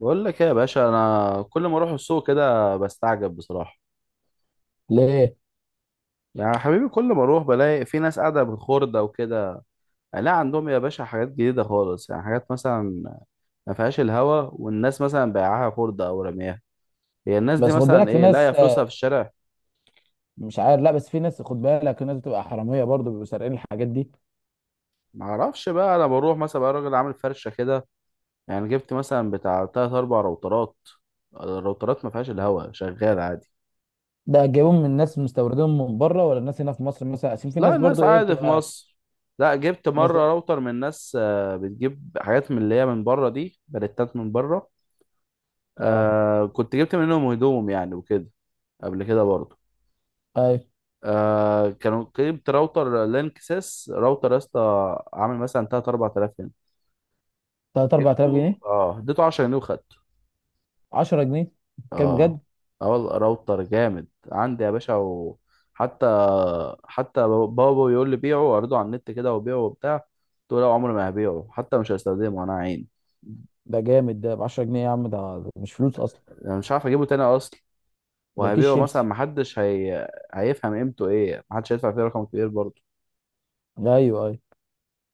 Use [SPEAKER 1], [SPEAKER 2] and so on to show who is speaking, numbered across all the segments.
[SPEAKER 1] بقول لك ايه يا باشا؟ انا كل ما اروح السوق كده بستعجب بصراحه.
[SPEAKER 2] ليه؟
[SPEAKER 1] يعني يا حبيبي، كل ما اروح بلاقي في ناس قاعده بالخردة وكده. يعني لا عندهم يا باشا حاجات جديده خالص، يعني حاجات مثلا ما فيهاش الهوا، والناس مثلا بايعاها خردة او رمياها. هي الناس دي
[SPEAKER 2] بس خد
[SPEAKER 1] مثلا
[SPEAKER 2] بالك في
[SPEAKER 1] ايه لاقيه
[SPEAKER 2] ناس،
[SPEAKER 1] فلوسها في الشارع؟
[SPEAKER 2] مش عارف، لا، بس في ناس خد بالك في ناس بتبقى حراميه برضه بيبقوا سارقين الحاجات دي.
[SPEAKER 1] ما اعرفش بقى. انا بروح مثلا بقى راجل عامل فرشه كده، يعني جبت مثلا بتاع تلات اربع روترات. الروترات ما فيهاش الهوا، شغال عادي.
[SPEAKER 2] ده جايبهم من ناس مستوردينهم من بره؟ ولا الناس هنا في مصر مثلا؟ عشان في
[SPEAKER 1] لا،
[SPEAKER 2] ناس
[SPEAKER 1] الناس
[SPEAKER 2] برضه ايه
[SPEAKER 1] عادي في
[SPEAKER 2] بتبقى.
[SPEAKER 1] مصر. لا، جبت
[SPEAKER 2] ناس.
[SPEAKER 1] مرة راوتر من ناس بتجيب حاجات من اللي هي من بره، دي بلتات من بره.
[SPEAKER 2] اه.
[SPEAKER 1] آه، كنت جبت منهم هدوم يعني وكده، قبل كده برضه.
[SPEAKER 2] اي.
[SPEAKER 1] آه، كانوا جبت راوتر لينك سيس، راوتر يا اسطى، عامل مثلا 3 4000 هنا.
[SPEAKER 2] 3 4000
[SPEAKER 1] جبته،
[SPEAKER 2] جنيه
[SPEAKER 1] اديته 10 جنيه وخدته.
[SPEAKER 2] 10 جنيه. كام
[SPEAKER 1] اه.
[SPEAKER 2] بجد؟
[SPEAKER 1] اه والله راوتر جامد عندي يا باشا. وحتى، حتى بابا بيقول لي بيعه واعرضه على النت كده وبيعه وبتاع، قلت له لا، عمري ما هبيعه، حتى مش هستخدمه انا عين.
[SPEAKER 2] ده جامد، ده ب 10 جنيه يا عم، ده مش فلوس اصلا.
[SPEAKER 1] انا مش عارف اجيبه تاني اصلا.
[SPEAKER 2] ده كيس
[SPEAKER 1] وهبيعه مثلا؟
[SPEAKER 2] شيبسي.
[SPEAKER 1] محدش هيفهم قيمته ايه، محدش هيدفع فيه رقم كبير برضه.
[SPEAKER 2] ايوه، اي.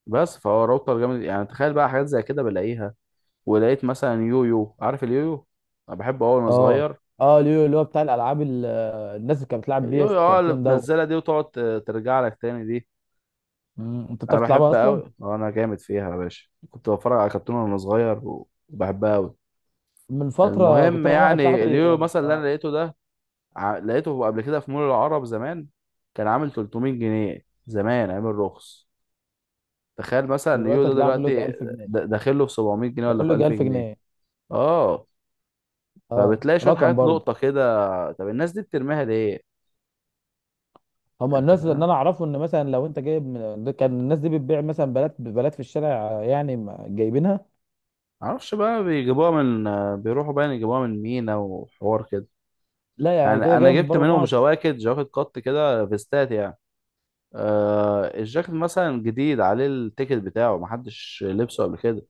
[SPEAKER 1] بس فهو راوتر جامد يعني. تخيل بقى حاجات زي كده بلاقيها. ولقيت مثلا يويو، عارف اليويو؟ انا بحبه أوي وانا
[SPEAKER 2] اه
[SPEAKER 1] صغير.
[SPEAKER 2] اه، اللي هو بتاع الالعاب، الناس اللي كانت بتلعب بيه في
[SPEAKER 1] اليويو، اه، اللي
[SPEAKER 2] الكرتون ده.
[SPEAKER 1] بتنزلها دي وتقعد ترجع لك تاني دي.
[SPEAKER 2] انت
[SPEAKER 1] انا
[SPEAKER 2] بتعرف تلعبها
[SPEAKER 1] بحب
[SPEAKER 2] اصلا؟
[SPEAKER 1] قوي، انا جامد فيها يا باشا، كنت بتفرج على كرتون وانا صغير، وبحبها قوي.
[SPEAKER 2] من فتره
[SPEAKER 1] المهم،
[SPEAKER 2] كنت انا واحد
[SPEAKER 1] يعني
[SPEAKER 2] صاحبي.
[SPEAKER 1] اليورو مثلا اللي انا
[SPEAKER 2] آه.
[SPEAKER 1] لقيته ده، لقيته قبل كده في مول العرب زمان، كان عامل 300 جنيه، زمان عامل رخص. تخيل مثلا إن
[SPEAKER 2] دلوقتي
[SPEAKER 1] اليورو ده
[SPEAKER 2] هتلاقيه عامل له يجي
[SPEAKER 1] دلوقتي،
[SPEAKER 2] 1000 جنيه،
[SPEAKER 1] داخل له في 700 جنيه ولا
[SPEAKER 2] يعمل له
[SPEAKER 1] في
[SPEAKER 2] يجي
[SPEAKER 1] 1000
[SPEAKER 2] 1000
[SPEAKER 1] جنيه
[SPEAKER 2] جنيه
[SPEAKER 1] اه.
[SPEAKER 2] اه
[SPEAKER 1] فبتلاقي شويه
[SPEAKER 2] رقم
[SPEAKER 1] حاجات
[SPEAKER 2] برضه.
[SPEAKER 1] لقطه كده. طب الناس دي بترميها ليه؟
[SPEAKER 2] هما
[SPEAKER 1] انت
[SPEAKER 2] الناس اللي
[SPEAKER 1] فاهم.
[SPEAKER 2] انا اعرفه ان مثلا لو انت جايب من، ده كان الناس دي بتبيع مثلا بلات بلات في الشارع. يعني جايبينها.
[SPEAKER 1] معرفش بقى بيجيبوها من... بيروحوا بقى يجيبوها من مينا وحوار كده.
[SPEAKER 2] لا، يعني
[SPEAKER 1] يعني
[SPEAKER 2] كده
[SPEAKER 1] انا
[SPEAKER 2] جاي من
[SPEAKER 1] جبت
[SPEAKER 2] بره
[SPEAKER 1] منهم
[SPEAKER 2] مصر؟
[SPEAKER 1] جواكت جواكت، قط كده فيستات يعني، آه الجاكيت مثلا جديد عليه التيكت بتاعه، محدش لبسه قبل كده.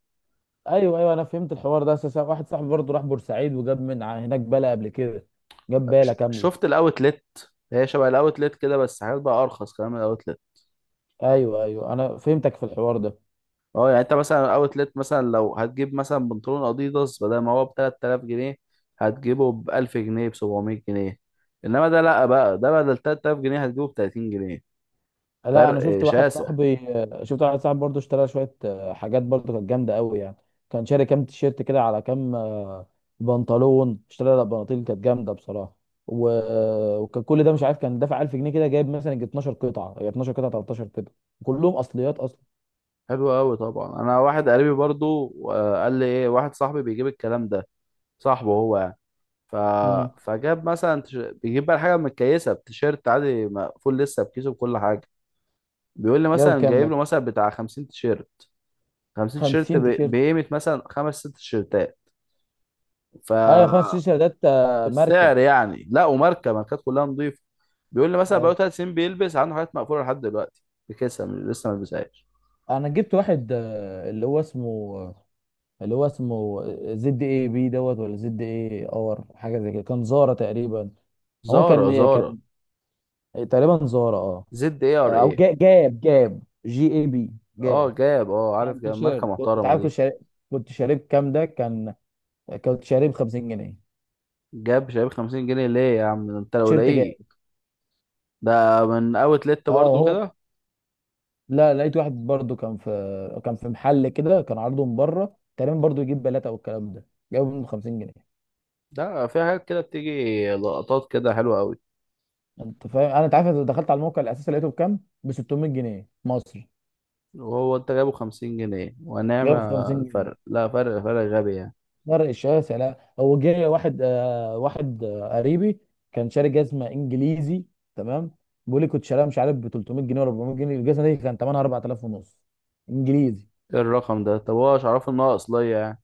[SPEAKER 2] ايوه، ايوه، انا فهمت الحوار ده. اساسا واحد صاحبي برضه راح بورسعيد وجاب من هناك بله قبل كده. جاب باله كامله.
[SPEAKER 1] شفت الاوتلت؟ هي شبه الاوتلت كده، بس حاجات بقى ارخص كمان من الاوتلت.
[SPEAKER 2] ايوه، ايوه، انا فهمتك في الحوار ده.
[SPEAKER 1] اه، يعني انت مثلا الاوتلت مثلا لو هتجيب مثلا بنطلون اديداس، بدل ما هو ب 3000 جنيه، هتجيبه ب 1000 جنيه، ب 700 جنيه. انما ده لا بقى، ده بدل 3000 جنيه هتجيبه ب 30 جنيه.
[SPEAKER 2] لا، انا شفت
[SPEAKER 1] فرق
[SPEAKER 2] واحد
[SPEAKER 1] شاسع.
[SPEAKER 2] صاحبي، شفت واحد صاحبي برضه اشترى شويه حاجات برضه كانت جامده قوي يعني. كان شاري كام تيشيرت كده، على كام بنطلون. اشترى بناطيل كانت جامده بصراحه. و... وكان كل ده مش عارف، كان دافع 1000 جنيه كده جايب مثلا يجي 12 قطعه، هي 12 قطعه 13 قطعه. كلهم اصليات اصلا.
[SPEAKER 1] حلو قوي طبعا. انا واحد قريبي برضو، آه، قال لي ايه، واحد صاحبي بيجيب الكلام ده، صاحبه هو يعني. ف...
[SPEAKER 2] امم.
[SPEAKER 1] فجاب مثلا بيجيب بقى الحاجه متكيسه، بتيشيرت عادي مقفول لسه بكيسه، بكل حاجه. بيقول لي
[SPEAKER 2] جايب
[SPEAKER 1] مثلا
[SPEAKER 2] كام
[SPEAKER 1] جايب
[SPEAKER 2] ده؟
[SPEAKER 1] له مثلا بتاع 50 تيشيرت، 50 تيشيرت
[SPEAKER 2] 50 تيشيرت.
[SPEAKER 1] بقيمه مثلا خمس ست تيشيرتات. ف
[SPEAKER 2] ايوه، خمس تيشيرتات ماركه.
[SPEAKER 1] السعر يعني، لا وماركه، ماركات كلها نظيفه. بيقول لي مثلا
[SPEAKER 2] ايوه،
[SPEAKER 1] بقاله 3 سنين بيلبس عنده حاجات مقفوله لحد دلوقتي، بكيسه لسه ما لبسهاش.
[SPEAKER 2] انا جبت واحد اللي هو اسمه، اللي هو اسمه زد اي بي دوت ولا زد اي اور، حاجه زي كده، كان زارا تقريبا. هو
[SPEAKER 1] زارا،
[SPEAKER 2] كان
[SPEAKER 1] زارا.
[SPEAKER 2] كان تقريبا زارا اه.
[SPEAKER 1] Zara.
[SPEAKER 2] او جاب جي اي بي. جاب.
[SPEAKER 1] اه جاب، عارف
[SPEAKER 2] كان
[SPEAKER 1] جاب ماركة
[SPEAKER 2] تيشيرت. انت
[SPEAKER 1] محترمة
[SPEAKER 2] عارف كنت
[SPEAKER 1] دي.
[SPEAKER 2] شاري، كنت شاريه بكام ده كان، كنت شاريه ب 50 جنيه.
[SPEAKER 1] جاب شايب 50 جنيه ليه يا عم ده؟ انت لو
[SPEAKER 2] تيشيرت جاب.
[SPEAKER 1] لاقيه ده من اوت لت
[SPEAKER 2] اه،
[SPEAKER 1] برضو
[SPEAKER 2] هو.
[SPEAKER 1] كده،
[SPEAKER 2] لا، لقيت واحد برضو كان في محل كده، كان عارضه من بره تقريبا برضو يجيب بلاته والكلام ده. جابه منه 50 جنيه.
[SPEAKER 1] ده في حاجات كده بتيجي لقطات كده حلوة قوي.
[SPEAKER 2] انت فاهم انا، انت عارف دخلت على الموقع الاساسي لقيته بكام، ب 600 جنيه مصري.
[SPEAKER 1] وهو انت جايبه 50 جنيه؟ ونعم.
[SPEAKER 2] جايب 50 جنيه.
[SPEAKER 1] الفرق لا، فرق غبي يعني.
[SPEAKER 2] فرق شاسع. لا، هو جه واحد قريبي. كان شاري جزمه انجليزي. تمام. بيقول لي كنت شاريها مش عارف ب 300 جنيه ولا 400 جنيه، الجزمه دي كان ثمنها 4000 ونص. انجليزي.
[SPEAKER 1] ايه الرقم ده؟ طب هو مش عارف ان هو اصلية يعني؟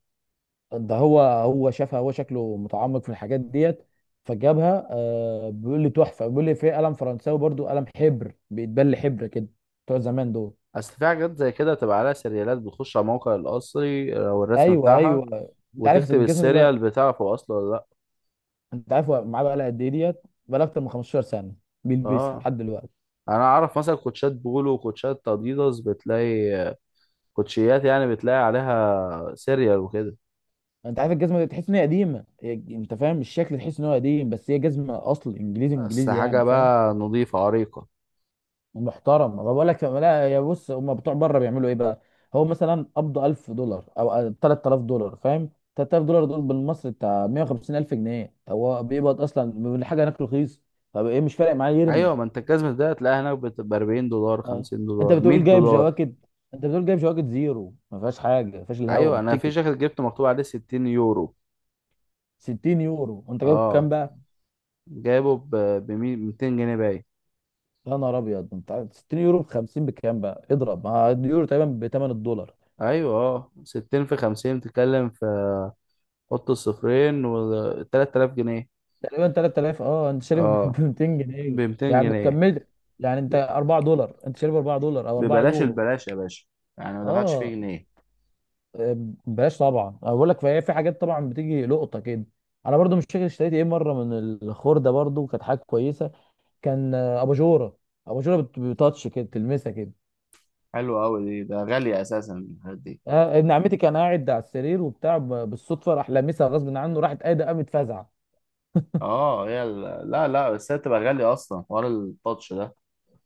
[SPEAKER 2] ده هو شافها، هو شكله متعمق في الحاجات ديت. فجابها، بيقول لي تحفه، بيقول لي في قلم فرنساوي برضو، قلم حبر بيتبل حبر كده. بتوع زمان دول.
[SPEAKER 1] اصل في حاجات زي كده تبقى عليها سيريالات، بتخش على موقع الاصلي او الرسم
[SPEAKER 2] ايوه،
[SPEAKER 1] بتاعها،
[SPEAKER 2] ايوه. انت عارف
[SPEAKER 1] وتكتب
[SPEAKER 2] الجزمه دي
[SPEAKER 1] السيريال
[SPEAKER 2] بقى؟
[SPEAKER 1] بتاعه هو اصله ولا لا.
[SPEAKER 2] انت عارف هو معاه بقى لها قد ايه ديت؟ بقى لها اكتر من 15 سنه. بيلبسها
[SPEAKER 1] اه،
[SPEAKER 2] لحد دلوقتي.
[SPEAKER 1] انا اعرف مثلا كوتشات بولو وكوتشات اديداس، بتلاقي كوتشيات يعني بتلاقي عليها سيريال وكده،
[SPEAKER 2] انت عارف الجزمه دي تحس ان هي قديمه، انت فاهم الشكل، تحس ان هو قديم، بس هي جزمه اصل انجليزي
[SPEAKER 1] بس
[SPEAKER 2] انجليزي،
[SPEAKER 1] حاجة
[SPEAKER 2] يعني فاهم.
[SPEAKER 1] بقى نظيفة عريقة.
[SPEAKER 2] محترم، ما بقول لك لا يا بص، هم بتوع بره بيعملوا ايه بقى؟ هو مثلا قبض 1000 دولار او 3000 دولار، فاهم؟ 3000 دولار دول بالمصري بتاع 150,000 جنيه، هو بيقبض اصلا من حاجه هناك رخيص. طب ايه، مش فارق معاه يرمي.
[SPEAKER 1] أيوة، ما أنت الجزمة ده هتلاقيها هناك بتبقى 40 دولار،
[SPEAKER 2] اه.
[SPEAKER 1] 50
[SPEAKER 2] انت
[SPEAKER 1] دولار
[SPEAKER 2] بتقول
[SPEAKER 1] 100
[SPEAKER 2] جايب
[SPEAKER 1] دولار
[SPEAKER 2] جواكت، انت بتقول جايب جواكت زيرو ما فيهاش حاجه، ما فيهاش الهوا،
[SPEAKER 1] أيوة، أنا في
[SPEAKER 2] بالتيكت.
[SPEAKER 1] جاكيت جبته مكتوب عليه 60 يورو.
[SPEAKER 2] 60 يورو، وانت جايب كام؟
[SPEAKER 1] أه، جايبه ب 200 جنيه باين.
[SPEAKER 2] يا نهار ابيض، انت 60 يورو ب 50، بكام بقى اضرب، ما اليورو تقريبا بثمن الدولار.
[SPEAKER 1] أيوة، أه، 60 في 50 بتتكلم في... حط الصفرين، و 3000 جنيه.
[SPEAKER 2] تقريبا 3000، اه انت شاري
[SPEAKER 1] أه،
[SPEAKER 2] ب 200
[SPEAKER 1] ب
[SPEAKER 2] جنيه
[SPEAKER 1] 200
[SPEAKER 2] يعني
[SPEAKER 1] جنيه
[SPEAKER 2] كملت. يعني انت
[SPEAKER 1] ب-
[SPEAKER 2] 4 دولار، انت شاري ب 4 دولار او 4
[SPEAKER 1] ببلاش،
[SPEAKER 2] يورو.
[SPEAKER 1] البلاش يا باشا، يعني ما دفعتش فيه
[SPEAKER 2] اه.
[SPEAKER 1] جنيه.
[SPEAKER 2] آه، بلاش طبعا. أنا بقول لك فهي في حاجات طبعا بتيجي لقطه كده. انا برضو مش فاكر اشتريت ايه مره من الخرده، برضو كانت حاجه كويسه. كان اباجوره. اباجوره بتاتش كده تلمسها كده.
[SPEAKER 1] حلو أوي دي، ده غالية أساسا، الحاجات دي.
[SPEAKER 2] آه، ابن عمتي كان قاعد على السرير وبتاع، بالصدفه راح لامسها غصب عنه، راحت قايده قامت فزع.
[SPEAKER 1] اه، هي لا لا، بس هي بتبقى غالية أصلا حوار التاتش ده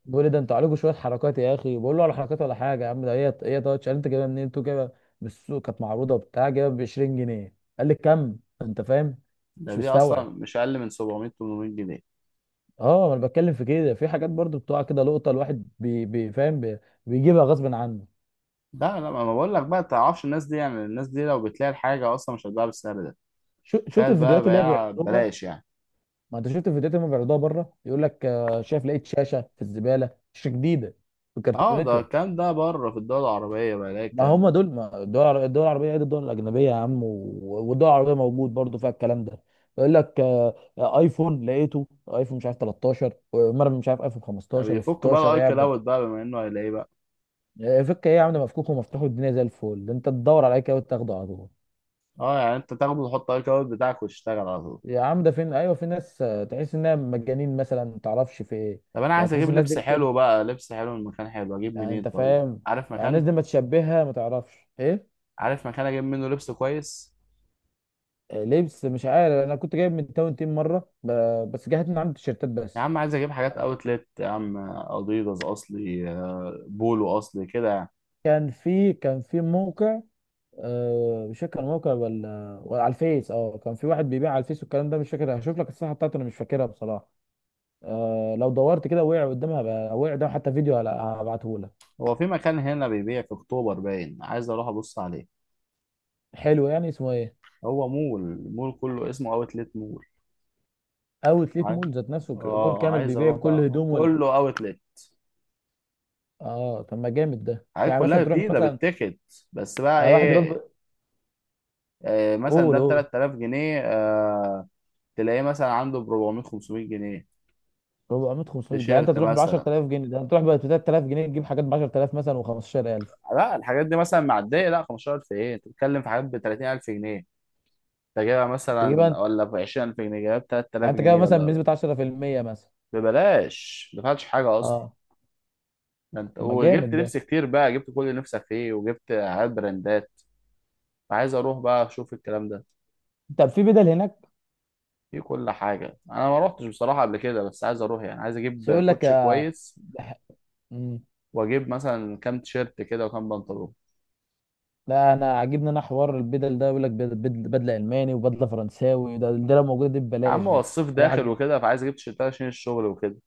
[SPEAKER 2] بيقول لي ده انتوا عليكم شويه حركات يا اخي، بقول له على حركات ولا حاجه يا عم، ده هي هي تاتش. قال انت جايبها منين انتوا جايبها؟ من السوق كانت معروضه بتاع جايبها ب 20 جنيه، قال لي كم. انت فاهم.
[SPEAKER 1] ده
[SPEAKER 2] مش
[SPEAKER 1] دي أصلا
[SPEAKER 2] مستوعب.
[SPEAKER 1] مش أقل من 700، 800 جنيه.
[SPEAKER 2] اه ما انا بتكلم في كده، في حاجات برضو بتقع كده لقطه، الواحد بي بي فاهم بي. بيجيبها غصب عنه.
[SPEAKER 1] لا لا، ما أنا بقول لك بقى، تعرفش الناس دي، يعني الناس دي لو بتلاقي الحاجة أصلا مش هتباع بالسعر ده.
[SPEAKER 2] شو شفت
[SPEAKER 1] تخيل بقى
[SPEAKER 2] الفيديوهات اللي هي
[SPEAKER 1] بيع
[SPEAKER 2] بيعرضوها؟
[SPEAKER 1] بلاش يعني.
[SPEAKER 2] ما انت شفت الفيديوهات اللي هم بيعرضوها بره، يقول لك شايف لقيت شاشه في الزباله، شاشه جديده.
[SPEAKER 1] اه، ده
[SPEAKER 2] بكرتونتها.
[SPEAKER 1] الكلام ده بره في الدول العربية بقى يلاقي
[SPEAKER 2] ما
[SPEAKER 1] الكلام
[SPEAKER 2] هم
[SPEAKER 1] ده.
[SPEAKER 2] دول، ما الدول العربيه غير الدول الاجنبيه يا عم، والدول العربيه موجود برضو فيها الكلام ده. يقول لك ايفون لقيته. ايفون مش عارف 13، ومره مش عارف ايفون
[SPEAKER 1] طب
[SPEAKER 2] 15
[SPEAKER 1] يفك بقى
[SPEAKER 2] و16،
[SPEAKER 1] الأي
[SPEAKER 2] ايه يا عم ده؟
[SPEAKER 1] كلاود بقى، بما إنه هيلاقيه بقى.
[SPEAKER 2] فك ايه يا عم؟ ده مفكوك ومفتوح الدنيا زي الفل، انت تدور على اي كده وتاخده على طول.
[SPEAKER 1] اه يعني أنت تاخده وتحط الأي كلاود بتاعك وتشتغل على طول.
[SPEAKER 2] يا عم ده فين، ايوه في ناس تحس انها مجانين مثلا ما تعرفش في ايه.
[SPEAKER 1] طب أنا
[SPEAKER 2] يعني
[SPEAKER 1] عايز
[SPEAKER 2] تحس
[SPEAKER 1] أجيب
[SPEAKER 2] الناس دي
[SPEAKER 1] لبس حلو بقى، لبس حلو من مكان حلو، أجيب
[SPEAKER 2] يعني
[SPEAKER 1] منين
[SPEAKER 2] انت
[SPEAKER 1] طيب؟
[SPEAKER 2] فاهم.
[SPEAKER 1] عارف
[SPEAKER 2] يعني
[SPEAKER 1] مكان؟
[SPEAKER 2] الناس دي ما تشبهها ما تعرفش ايه.
[SPEAKER 1] عارف مكان أجيب منه لبس كويس؟
[SPEAKER 2] لبس، مش عارف انا كنت جايب من تاون تيم مره بس جهت من عند التيشيرتات
[SPEAKER 1] يا
[SPEAKER 2] بس.
[SPEAKER 1] عم عايز اجيب حاجات
[SPEAKER 2] آه.
[SPEAKER 1] اوتلت يا عم، اديداس اصلي، آه، بولو اصلي كده يعني.
[SPEAKER 2] كان في موقع. مش فاكر موقع، ولا على الفيس، اه كان في واحد بيبيع على الفيس والكلام ده، مش فاكر، هشوف لك الصفحه بتاعته، انا مش فاكرها بصراحه. لو دورت كده وقع قدامها بقى، وقع قدام حتى فيديو هبعته لك.
[SPEAKER 1] هو في مكان هنا بيبيع في اكتوبر باين، عايز اروح ابص عليه.
[SPEAKER 2] حلو يعني، اسمه ايه؟
[SPEAKER 1] هو مول، مول كله اسمه اوتلت مول.
[SPEAKER 2] اوتليت
[SPEAKER 1] عاي-
[SPEAKER 2] مول ذات نفسه، مول
[SPEAKER 1] اه
[SPEAKER 2] كامل
[SPEAKER 1] عايز
[SPEAKER 2] بيبيع
[SPEAKER 1] اروح
[SPEAKER 2] كل
[SPEAKER 1] بقى،
[SPEAKER 2] هدوم
[SPEAKER 1] كله اوتلت،
[SPEAKER 2] اه طب، ما جامد ده،
[SPEAKER 1] حاجات
[SPEAKER 2] يعني
[SPEAKER 1] كلها
[SPEAKER 2] مثلا
[SPEAKER 1] بتيجي
[SPEAKER 2] تروح
[SPEAKER 1] ده
[SPEAKER 2] مثلا.
[SPEAKER 1] بالتيكت. بس بقى
[SPEAKER 2] يعني واحد ربع.
[SPEAKER 1] ايه؟ آه مثلا
[SPEAKER 2] قول
[SPEAKER 1] ده ب
[SPEAKER 2] قول.
[SPEAKER 1] 3000 جنيه آه، تلاقيه مثلا عنده ب 400، 500 جنيه.
[SPEAKER 2] 400 500، ده انت
[SPEAKER 1] تيشيرت
[SPEAKER 2] تروح ب
[SPEAKER 1] مثلا.
[SPEAKER 2] 10000 جنيه، ده انت تروح ب 3000 جنيه تجيب حاجات ب 10000 مثلا و15000.
[SPEAKER 1] لا، الحاجات دي مثلا معديه لا 15000، ايه؟ انت بتتكلم في حاجات ب 30000 جنيه انت جايبها
[SPEAKER 2] تجيبها
[SPEAKER 1] مثلا،
[SPEAKER 2] انت.
[SPEAKER 1] ولا ب 20000 جنيه جايبها ب 3000
[SPEAKER 2] يعني انت كده
[SPEAKER 1] جنيه
[SPEAKER 2] مثلا
[SPEAKER 1] ولا
[SPEAKER 2] بنسبه 10% مثلا.
[SPEAKER 1] ببلاش ما دفعتش حاجه اصلا.
[SPEAKER 2] اه.
[SPEAKER 1] ده انت
[SPEAKER 2] ما
[SPEAKER 1] وجبت
[SPEAKER 2] جامد ده.
[SPEAKER 1] لبس كتير بقى، جبت كل اللي نفسك فيه وجبت حاجات براندات. فعايز اروح بقى اشوف الكلام ده،
[SPEAKER 2] طب في بدل هناك؟
[SPEAKER 1] في كل حاجه. انا ما روحتش بصراحه قبل كده بس عايز اروح، يعني عايز
[SPEAKER 2] بس
[SPEAKER 1] اجيب
[SPEAKER 2] يقول لك
[SPEAKER 1] كوتش كويس
[SPEAKER 2] مم.
[SPEAKER 1] واجيب مثلا كام تيشيرت كده وكام بنطلون.
[SPEAKER 2] لا، انا عاجبني انا حوار البدل ده، يقول لك بدله الماني وبدله فرنساوي، ده لو موجوده دي
[SPEAKER 1] يا عم
[SPEAKER 2] ببلاش
[SPEAKER 1] هو
[SPEAKER 2] دي.
[SPEAKER 1] الصيف
[SPEAKER 2] راح
[SPEAKER 1] داخل
[SPEAKER 2] اجيب.
[SPEAKER 1] وكده، فعايز اجيب تيشيرتات عشان الشغل وكده.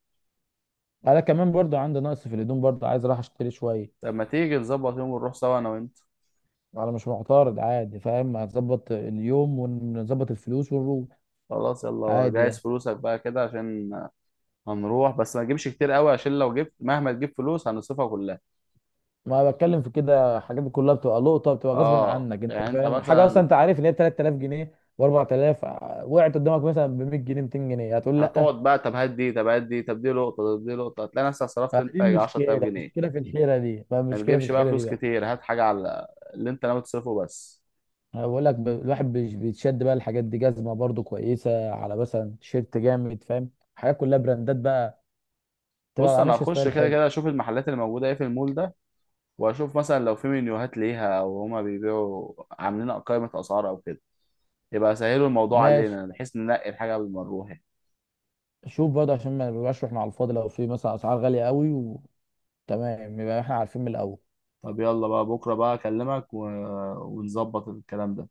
[SPEAKER 2] انا كمان برضو عندي نقص في الهدوم، برضو عايز اروح اشتري شويه.
[SPEAKER 1] طب ما تيجي نظبط يوم ونروح سوا انا وانت؟
[SPEAKER 2] انا مش معترض عادي، فاهم، هنظبط اليوم ونظبط الفلوس ونروح.
[SPEAKER 1] خلاص يلا
[SPEAKER 2] عادي
[SPEAKER 1] جهز
[SPEAKER 2] يعني.
[SPEAKER 1] فلوسك بقى كده عشان هنروح. بس ما تجيبش كتير قوي، عشان لو جبت مهما تجيب فلوس هنصرفها كلها.
[SPEAKER 2] ما بتكلم في كده، الحاجات دي كلها بتبقى لقطه، بتبقى غصب
[SPEAKER 1] اه
[SPEAKER 2] عنك، انت
[SPEAKER 1] يعني انت
[SPEAKER 2] فاهم حاجه اصلا؟
[SPEAKER 1] مثلا
[SPEAKER 2] انت عارف ان هي ب 3000 جنيه و4000، وقعت قدامك مثلا ب 100 جنيه 200 جنيه، هتقول.
[SPEAKER 1] هتقعد بقى، طب هات دي، طب هات دي، طب دي لقطه، طب دي لقطه، هتلاقي نفسك صرفت انت
[SPEAKER 2] فدي
[SPEAKER 1] يجي 10000
[SPEAKER 2] مشكلة،
[SPEAKER 1] جنيه
[SPEAKER 2] مشكلة في الحيرة دي بقى،
[SPEAKER 1] ما
[SPEAKER 2] مشكلة في
[SPEAKER 1] تجيبش بقى
[SPEAKER 2] الحيرة دي
[SPEAKER 1] فلوس
[SPEAKER 2] بقى.
[SPEAKER 1] كتير، هات حاجه على اللي انت ناوي تصرفه بس.
[SPEAKER 2] أنا بقول لك الواحد بيتشد بقى، الحاجات دي جزمة برضو كويسة، على مثلا تيشيرت جامد فاهم، حاجات كلها براندات بقى.
[SPEAKER 1] بص،
[SPEAKER 2] تبقى
[SPEAKER 1] انا
[SPEAKER 2] ماشي
[SPEAKER 1] هخش
[SPEAKER 2] ستايل
[SPEAKER 1] كده
[SPEAKER 2] حلو.
[SPEAKER 1] كده اشوف المحلات اللي موجوده ايه في المول ده، واشوف مثلا لو في منيوهات ليها او هما بيبيعوا عاملين قائمه اسعار او كده، يبقى سهلوا الموضوع
[SPEAKER 2] ماشي.
[SPEAKER 1] علينا بحيث ننقي الحاجه قبل ما نروح يعني.
[SPEAKER 2] شوف برضه عشان ما نبقاش احنا على الفاضي، لو في مثلا أسعار غالية قوي. وتمام يبقى احنا عارفين من الأول.
[SPEAKER 1] طب يلا بقى بكره بقى اكلمك ونظبط الكلام ده.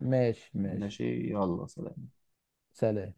[SPEAKER 2] ماشي، ماشي.
[SPEAKER 1] ماشي، يلا سلام.
[SPEAKER 2] سلام.